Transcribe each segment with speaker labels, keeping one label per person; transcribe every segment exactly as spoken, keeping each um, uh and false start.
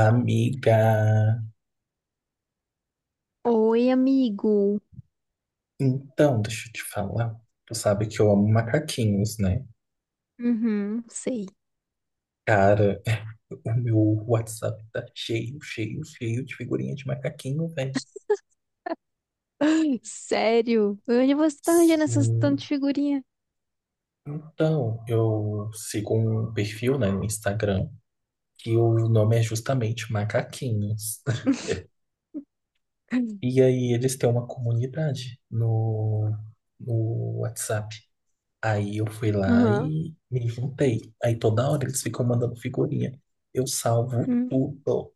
Speaker 1: Amiga,
Speaker 2: Oi, amigo.
Speaker 1: então, deixa eu te falar. Tu sabe que eu amo macaquinhos, né?
Speaker 2: Uhum, sei.
Speaker 1: Cara, o meu WhatsApp tá cheio, cheio, cheio de figurinha de macaquinho, velho.
Speaker 2: Sério? Onde você tá arranjando essas
Speaker 1: Sim.
Speaker 2: tantas figurinhas?
Speaker 1: Então, eu sigo um perfil, né, no Instagram, que o nome é justamente Macaquinhos. E aí eles têm uma comunidade no, no WhatsApp. Aí eu fui lá
Speaker 2: Aham.
Speaker 1: e me juntei. Aí toda hora eles ficam mandando figurinha. Eu salvo
Speaker 2: Hum.
Speaker 1: tudo.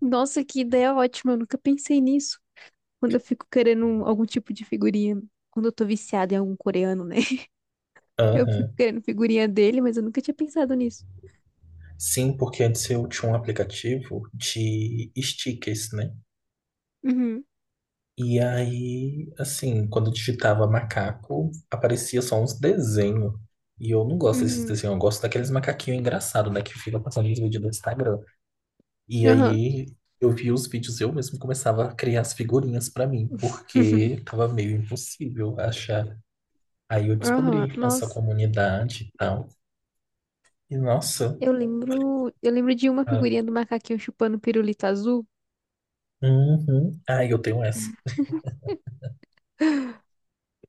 Speaker 2: Nossa, que ideia ótima. Eu nunca pensei nisso. Quando eu fico querendo um- algum tipo de figurinha. Quando eu tô viciada em algum coreano, né? Eu fico
Speaker 1: Aham.
Speaker 2: querendo figurinha dele, mas eu nunca tinha pensado nisso.
Speaker 1: Sim, porque antes eu tinha um aplicativo de stickers, né?
Speaker 2: Uhum,
Speaker 1: E aí, assim, quando eu digitava macaco, aparecia só uns desenhos. E eu não gosto desses
Speaker 2: uhum.
Speaker 1: desenhos, eu gosto daqueles macaquinhos engraçados, né? Que fica passando os vídeos do Instagram. E
Speaker 2: Aham,
Speaker 1: aí eu via os vídeos e eu mesmo começava a criar as figurinhas pra mim, porque tava meio impossível achar. Aí eu
Speaker 2: aham.
Speaker 1: descobri essa
Speaker 2: Nossa.
Speaker 1: comunidade e tal. E nossa,
Speaker 2: Eu lembro, eu lembro de uma
Speaker 1: ah,
Speaker 2: figurinha do macaquinho chupando pirulito azul.
Speaker 1: uhum. Ah, eu tenho essa.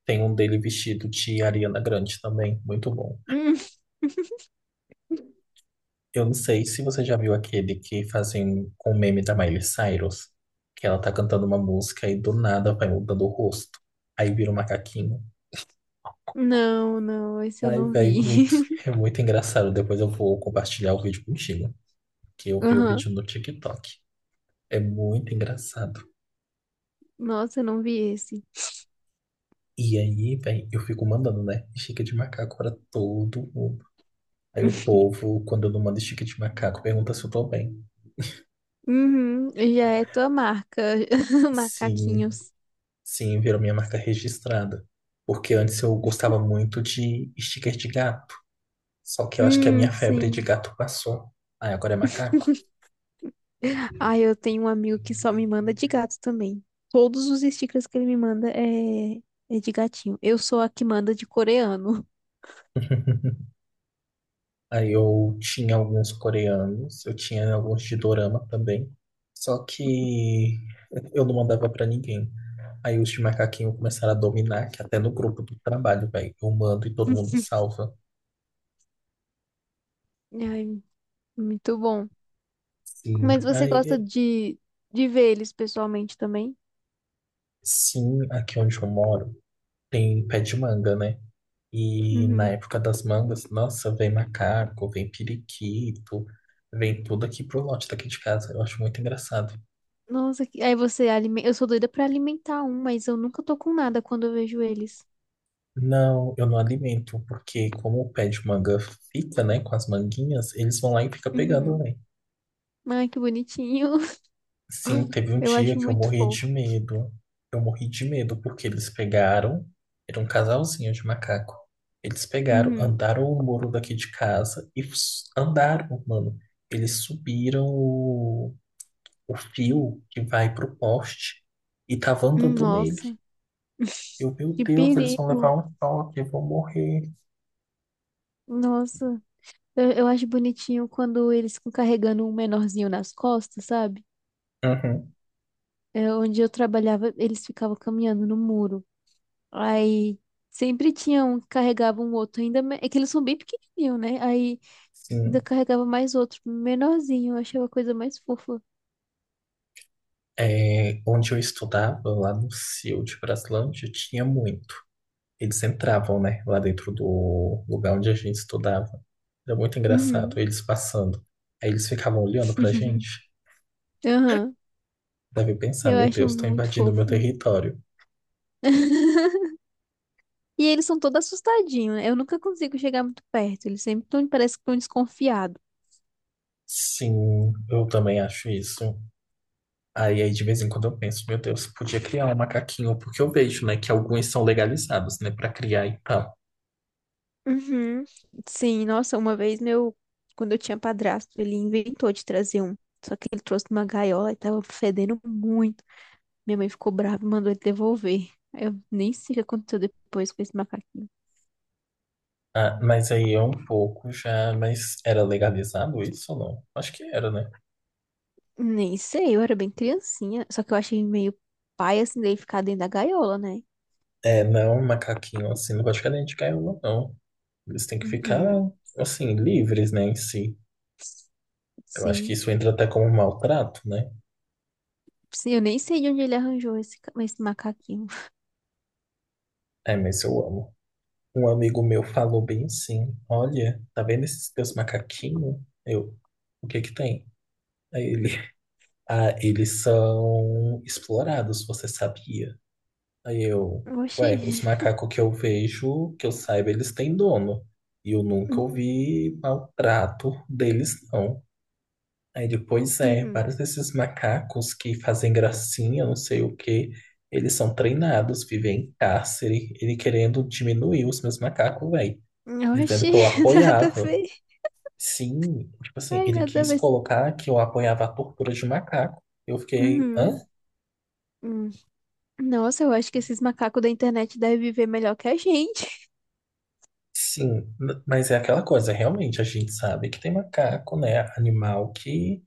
Speaker 1: Tem um dele vestido de Ariana Grande também, muito bom.
Speaker 2: Hum.
Speaker 1: Eu não sei se você já viu aquele que fazem com o meme da Miley Cyrus, que ela tá cantando uma música e do nada vai mudando o rosto. Aí vira um macaquinho.
Speaker 2: Não, não, esse eu
Speaker 1: Ai,
Speaker 2: não
Speaker 1: velho,
Speaker 2: vi.
Speaker 1: muito, é muito engraçado. Depois eu vou compartilhar o vídeo contigo, que eu vi o
Speaker 2: Aham.
Speaker 1: vídeo no TikTok. É muito engraçado.
Speaker 2: Nossa, eu não vi esse.
Speaker 1: E aí, velho, eu fico mandando, né? Estica de macaco pra todo mundo. Aí o povo, quando eu não mando estica de macaco, pergunta se eu tô bem.
Speaker 2: Uhum, já é tua marca,
Speaker 1: Sim,
Speaker 2: macaquinhos.
Speaker 1: sim, virou minha marca registrada. Porque antes eu gostava muito de sticker de gato. Só que eu acho que a
Speaker 2: Hum,
Speaker 1: minha febre de
Speaker 2: sim.
Speaker 1: gato passou. Aí agora é macaco.
Speaker 2: Ah, eu tenho um amigo que só me manda de gato também. Todos os stickers que ele me manda é, é de gatinho. Eu sou a que manda de coreano.
Speaker 1: Aí eu tinha alguns coreanos, eu tinha alguns de dorama também. Só que eu não mandava pra ninguém. Aí os de macaquinho começaram a dominar, que até no grupo do trabalho, velho, eu mando e todo mundo salva.
Speaker 2: Ai, muito bom.
Speaker 1: Sim.
Speaker 2: Mas você
Speaker 1: Aí,
Speaker 2: gosta
Speaker 1: eu-
Speaker 2: de, de ver eles pessoalmente também?
Speaker 1: sim, aqui onde eu moro tem pé de manga, né? E na
Speaker 2: Uhum.
Speaker 1: época das mangas, nossa, vem macaco, vem periquito, vem tudo aqui pro lote daqui de casa. Eu acho muito engraçado.
Speaker 2: Nossa, que- aí você alimenta. Eu sou doida pra alimentar um, mas eu nunca tô com nada quando eu vejo eles.
Speaker 1: Não, eu não alimento, porque como o pé de manga fica, né, com as manguinhas, eles vão lá e fica pegando,
Speaker 2: Uhum.
Speaker 1: né?
Speaker 2: Ai, que bonitinho.
Speaker 1: Sim, teve um
Speaker 2: Eu
Speaker 1: dia
Speaker 2: acho
Speaker 1: que eu
Speaker 2: muito
Speaker 1: morri de
Speaker 2: fofo.
Speaker 1: medo. Eu morri de medo porque eles pegaram, era um casalzinho de macaco. Eles pegaram,
Speaker 2: Uhum.
Speaker 1: andaram o muro daqui de casa e s- andaram, mano. Eles subiram o, o fio que vai pro poste e tava
Speaker 2: Hum.
Speaker 1: andando nele.
Speaker 2: Nossa,
Speaker 1: Eu, meu
Speaker 2: que
Speaker 1: Deus, eles vão levar
Speaker 2: perigo.
Speaker 1: um choque, eu vou morrer.
Speaker 2: Nossa, eu, eu acho bonitinho quando eles ficam carregando um menorzinho nas costas, sabe?
Speaker 1: Uhum,
Speaker 2: É, onde eu trabalhava, eles ficavam caminhando no muro. Aí sempre tinha um que carregava um outro, ainda me- é que eles são bem pequenininhos, né? Aí ainda
Speaker 1: sim.
Speaker 2: carregava mais outro, menorzinho. Eu achava a coisa mais fofa.
Speaker 1: É, onde eu estudava, lá no C I U de Braslândia, tinha muito. Eles entravam, né, lá dentro do lugar onde a gente estudava. Era muito engraçado,
Speaker 2: Uhum.
Speaker 1: eles passando. Aí eles ficavam olhando pra gente.
Speaker 2: Aham,
Speaker 1: Deve pensar,
Speaker 2: Eu
Speaker 1: meu
Speaker 2: acho
Speaker 1: Deus, estão
Speaker 2: muito
Speaker 1: invadindo o meu
Speaker 2: fofo.
Speaker 1: território.
Speaker 2: E eles são todos assustadinhos, né? Eu nunca consigo chegar muito perto. Eles sempre tão, parece que estão desconfiados.
Speaker 1: Sim, eu também acho isso. Aí, aí de vez em quando eu penso, meu Deus, podia criar um macaquinho, porque eu vejo, né, que alguns são legalizados, né, pra criar e tal.
Speaker 2: Uhum. Sim, nossa, uma vez meu, quando eu tinha padrasto, ele inventou de trazer um. Só que ele trouxe numa gaiola e tava fedendo muito. Minha mãe ficou brava e mandou ele devolver. Eu nem sei o que aconteceu depois com esse macaquinho.
Speaker 1: Ah, mas aí é um pouco já, mas era legalizado isso ou não? Acho que era, né?
Speaker 2: Nem sei, eu era bem criancinha. Só que eu achei meio pai assim dele ficar dentro da gaiola, né?
Speaker 1: É, não, um macaquinho assim, não pode ficar dentro de gaiola, não. Eles têm que ficar,
Speaker 2: Uhum.
Speaker 1: assim, livres, né, em si. Eu acho que
Speaker 2: Sim.
Speaker 1: isso entra até como um maltrato, né?
Speaker 2: Sim, eu nem sei de onde ele arranjou esse, ca- esse macaquinho.
Speaker 1: É, mas eu amo. Um amigo meu falou bem assim, olha, tá vendo esses teus macaquinhos? Eu, o que que tem? Aí ele, ah, eles são explorados, você sabia? Aí eu,
Speaker 2: Oxi.
Speaker 1: ué, os macacos que eu vejo, que eu saiba, eles têm dono. E eu nunca
Speaker 2: Uhum.
Speaker 1: ouvi maltrato deles, não. Aí depois é,
Speaker 2: Uhum.
Speaker 1: vários desses macacos que fazem gracinha, não sei o quê, eles são treinados, vivem em cárcere, ele querendo diminuir os meus macacos, velho, dizendo
Speaker 2: Oxi,
Speaker 1: que eu
Speaker 2: nada a
Speaker 1: apoiava.
Speaker 2: ver.
Speaker 1: Sim, tipo assim,
Speaker 2: Ai,
Speaker 1: ele
Speaker 2: nada a
Speaker 1: quis
Speaker 2: ver.
Speaker 1: colocar que eu apoiava a tortura de macaco. Eu fiquei, hã?
Speaker 2: Uhum. Hum. Nossa, eu acho que esses macacos da internet devem viver melhor que a gente.
Speaker 1: Sim, n- mas é aquela coisa, realmente, a gente sabe que tem macaco, né, animal que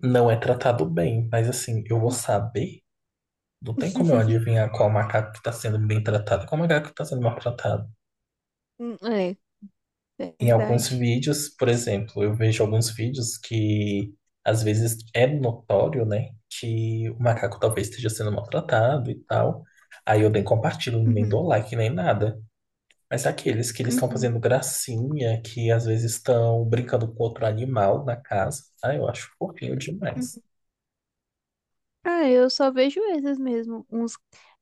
Speaker 1: não é tratado bem, mas assim, eu vou saber? Não tem como eu adivinhar qual macaco que está sendo bem tratado, e qual macaco que está sendo maltratado.
Speaker 2: Hum. É,
Speaker 1: Em alguns
Speaker 2: verdade.
Speaker 1: vídeos, por exemplo, eu vejo alguns vídeos que às vezes é notório, né, que o macaco talvez esteja sendo maltratado e tal. Aí eu nem compartilho, nem
Speaker 2: Uhum.
Speaker 1: dou like, nem nada. Mas é aqueles que eles estão
Speaker 2: Uhum.
Speaker 1: fazendo gracinha, que às vezes estão brincando com outro animal na casa, ah, eu acho fofinho
Speaker 2: Uhum.
Speaker 1: demais.
Speaker 2: Ah, eu só vejo esses mesmo. Uns...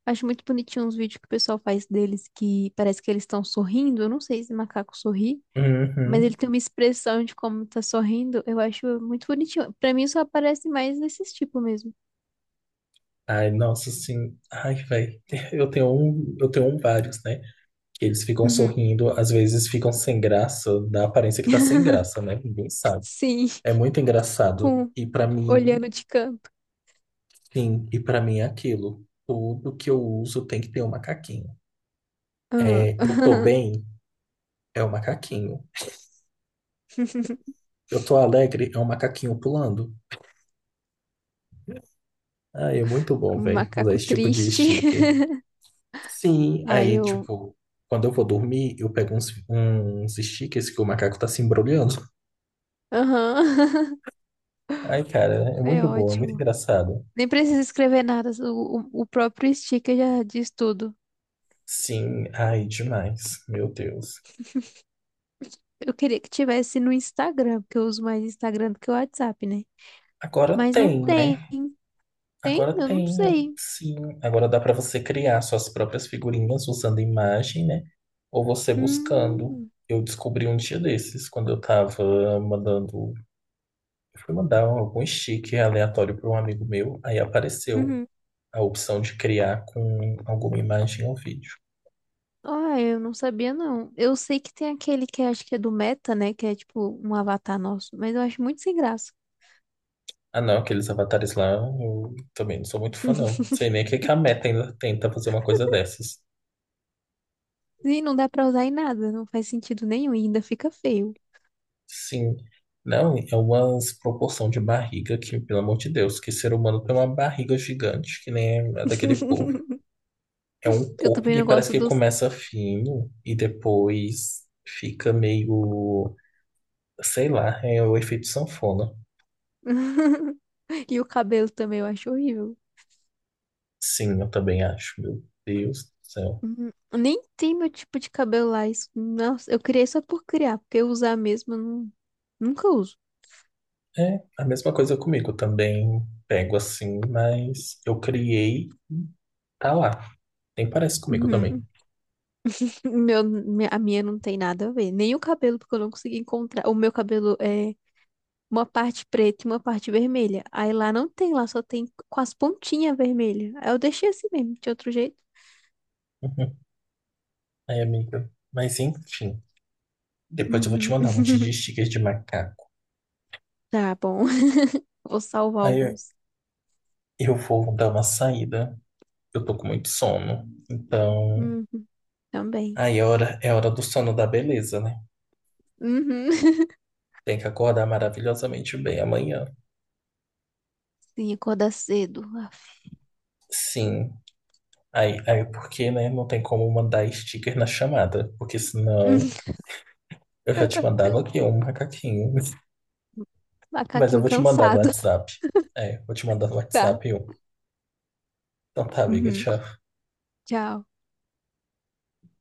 Speaker 2: Acho muito bonitinho uns vídeos que o pessoal faz deles que parece que eles estão sorrindo. Eu não sei se macaco sorri, mas
Speaker 1: Uhum.
Speaker 2: ele tem uma expressão de como tá sorrindo. Eu acho muito bonitinho. Pra mim só aparece mais desses tipos mesmo.
Speaker 1: Ai, nossa, assim, ai, velho, eu tenho um, eu tenho um vários, né? Que eles ficam
Speaker 2: Uhum.
Speaker 1: sorrindo, às vezes ficam sem graça, dá a aparência que tá sem graça, né? Ninguém sabe.
Speaker 2: Sim,
Speaker 1: É muito engraçado.
Speaker 2: com
Speaker 1: E pra mim,
Speaker 2: olhando de canto.
Speaker 1: sim, e pra mim é aquilo. Tudo que eu uso tem que ter um macaquinho.
Speaker 2: Ah,
Speaker 1: É, eu tô bem, é o macaquinho. Eu tô alegre, é um macaquinho pulando. Ah, é muito bom,
Speaker 2: um
Speaker 1: velho, usar
Speaker 2: macaco
Speaker 1: esse tipo de
Speaker 2: triste.
Speaker 1: sticker. Sim,
Speaker 2: Aí
Speaker 1: aí,
Speaker 2: eu.
Speaker 1: tipo, quando eu vou dormir, eu pego uns, uns stickers que o macaco tá se embrulhando.
Speaker 2: Aham.
Speaker 1: Ai, cara, é
Speaker 2: É
Speaker 1: muito bom, é muito
Speaker 2: ótimo.
Speaker 1: engraçado.
Speaker 2: Nem precisa escrever nada. O, o, o próprio sticker já diz tudo.
Speaker 1: Sim, ai, demais, meu Deus.
Speaker 2: Eu queria que tivesse no Instagram, porque eu uso mais Instagram do que o WhatsApp, né?
Speaker 1: Agora
Speaker 2: Mas não
Speaker 1: tem,
Speaker 2: tem.
Speaker 1: né?
Speaker 2: Tem?
Speaker 1: Agora
Speaker 2: Eu não
Speaker 1: tem, eu-
Speaker 2: sei.
Speaker 1: sim. Agora dá para você criar suas próprias figurinhas usando imagem, né? Ou você buscando.
Speaker 2: Hum.
Speaker 1: Eu descobri um dia desses, quando eu tava mandando. Eu fui mandar algum stick aleatório para um amigo meu, aí apareceu
Speaker 2: Uhum.
Speaker 1: a opção de criar com alguma imagem ou vídeo.
Speaker 2: Ah, eu não sabia, não. Eu sei que tem aquele que acho que é do Meta, né? Que é tipo um avatar nosso, mas eu acho muito sem graça.
Speaker 1: Ah, não, aqueles avatares lá, eu também não sou muito fã, não. Sei nem o que que a Meta ainda tenta fazer uma coisa dessas.
Speaker 2: E não dá pra usar em nada, não faz sentido nenhum e ainda fica feio.
Speaker 1: Sim. Não, é uma proporção de barriga que, pelo amor de Deus, que ser humano tem uma barriga gigante, que nem a daquele povo. É um
Speaker 2: Eu
Speaker 1: corpo
Speaker 2: também
Speaker 1: que
Speaker 2: não
Speaker 1: parece
Speaker 2: gosto
Speaker 1: que
Speaker 2: dos.
Speaker 1: começa fino e depois fica meio, sei lá, é o efeito sanfona.
Speaker 2: E o cabelo também eu acho horrível.
Speaker 1: Sim, eu também acho, meu Deus do céu.
Speaker 2: Uhum. Nem tem meu tipo de cabelo lá. Isso, nossa, eu criei só por criar, porque usar mesmo eu não, nunca uso.
Speaker 1: É a mesma coisa comigo, eu também pego assim, mas eu criei, tá lá. Nem parece comigo também.
Speaker 2: Uhum. Meu, mi- a minha não tem nada a ver. Nem o cabelo, porque eu não consegui encontrar. O meu cabelo é uma parte preta e uma parte vermelha. Aí lá não tem, lá só tem com as pontinhas vermelhas. Aí eu deixei assim mesmo, de outro jeito.
Speaker 1: Uhum. Aí, amiga. Mas enfim, depois eu vou te
Speaker 2: Uhum.
Speaker 1: mandar um monte de stickers de macaco.
Speaker 2: Tá bom. Vou salvar
Speaker 1: Aí eu
Speaker 2: alguns.
Speaker 1: eu vou dar uma saída. Eu tô com muito sono. Então,
Speaker 2: Uhum, também.
Speaker 1: aí é hora, é hora do sono da beleza, né?
Speaker 2: Uhum.
Speaker 1: Tem que acordar maravilhosamente bem amanhã.
Speaker 2: Sim, acordar cedo. Af.
Speaker 1: Sim. Aí, aí porque, né? Não tem como mandar sticker na chamada. Porque senão
Speaker 2: Uhum.
Speaker 1: eu já te mandava aqui um macaquinho. Mas eu
Speaker 2: Macaquinho
Speaker 1: vou te mandar no
Speaker 2: cansado.
Speaker 1: WhatsApp. É, vou te mandar no
Speaker 2: Tá.
Speaker 1: WhatsApp um. Então tá, amiga,
Speaker 2: Uhum.
Speaker 1: tchau.
Speaker 2: Tchau.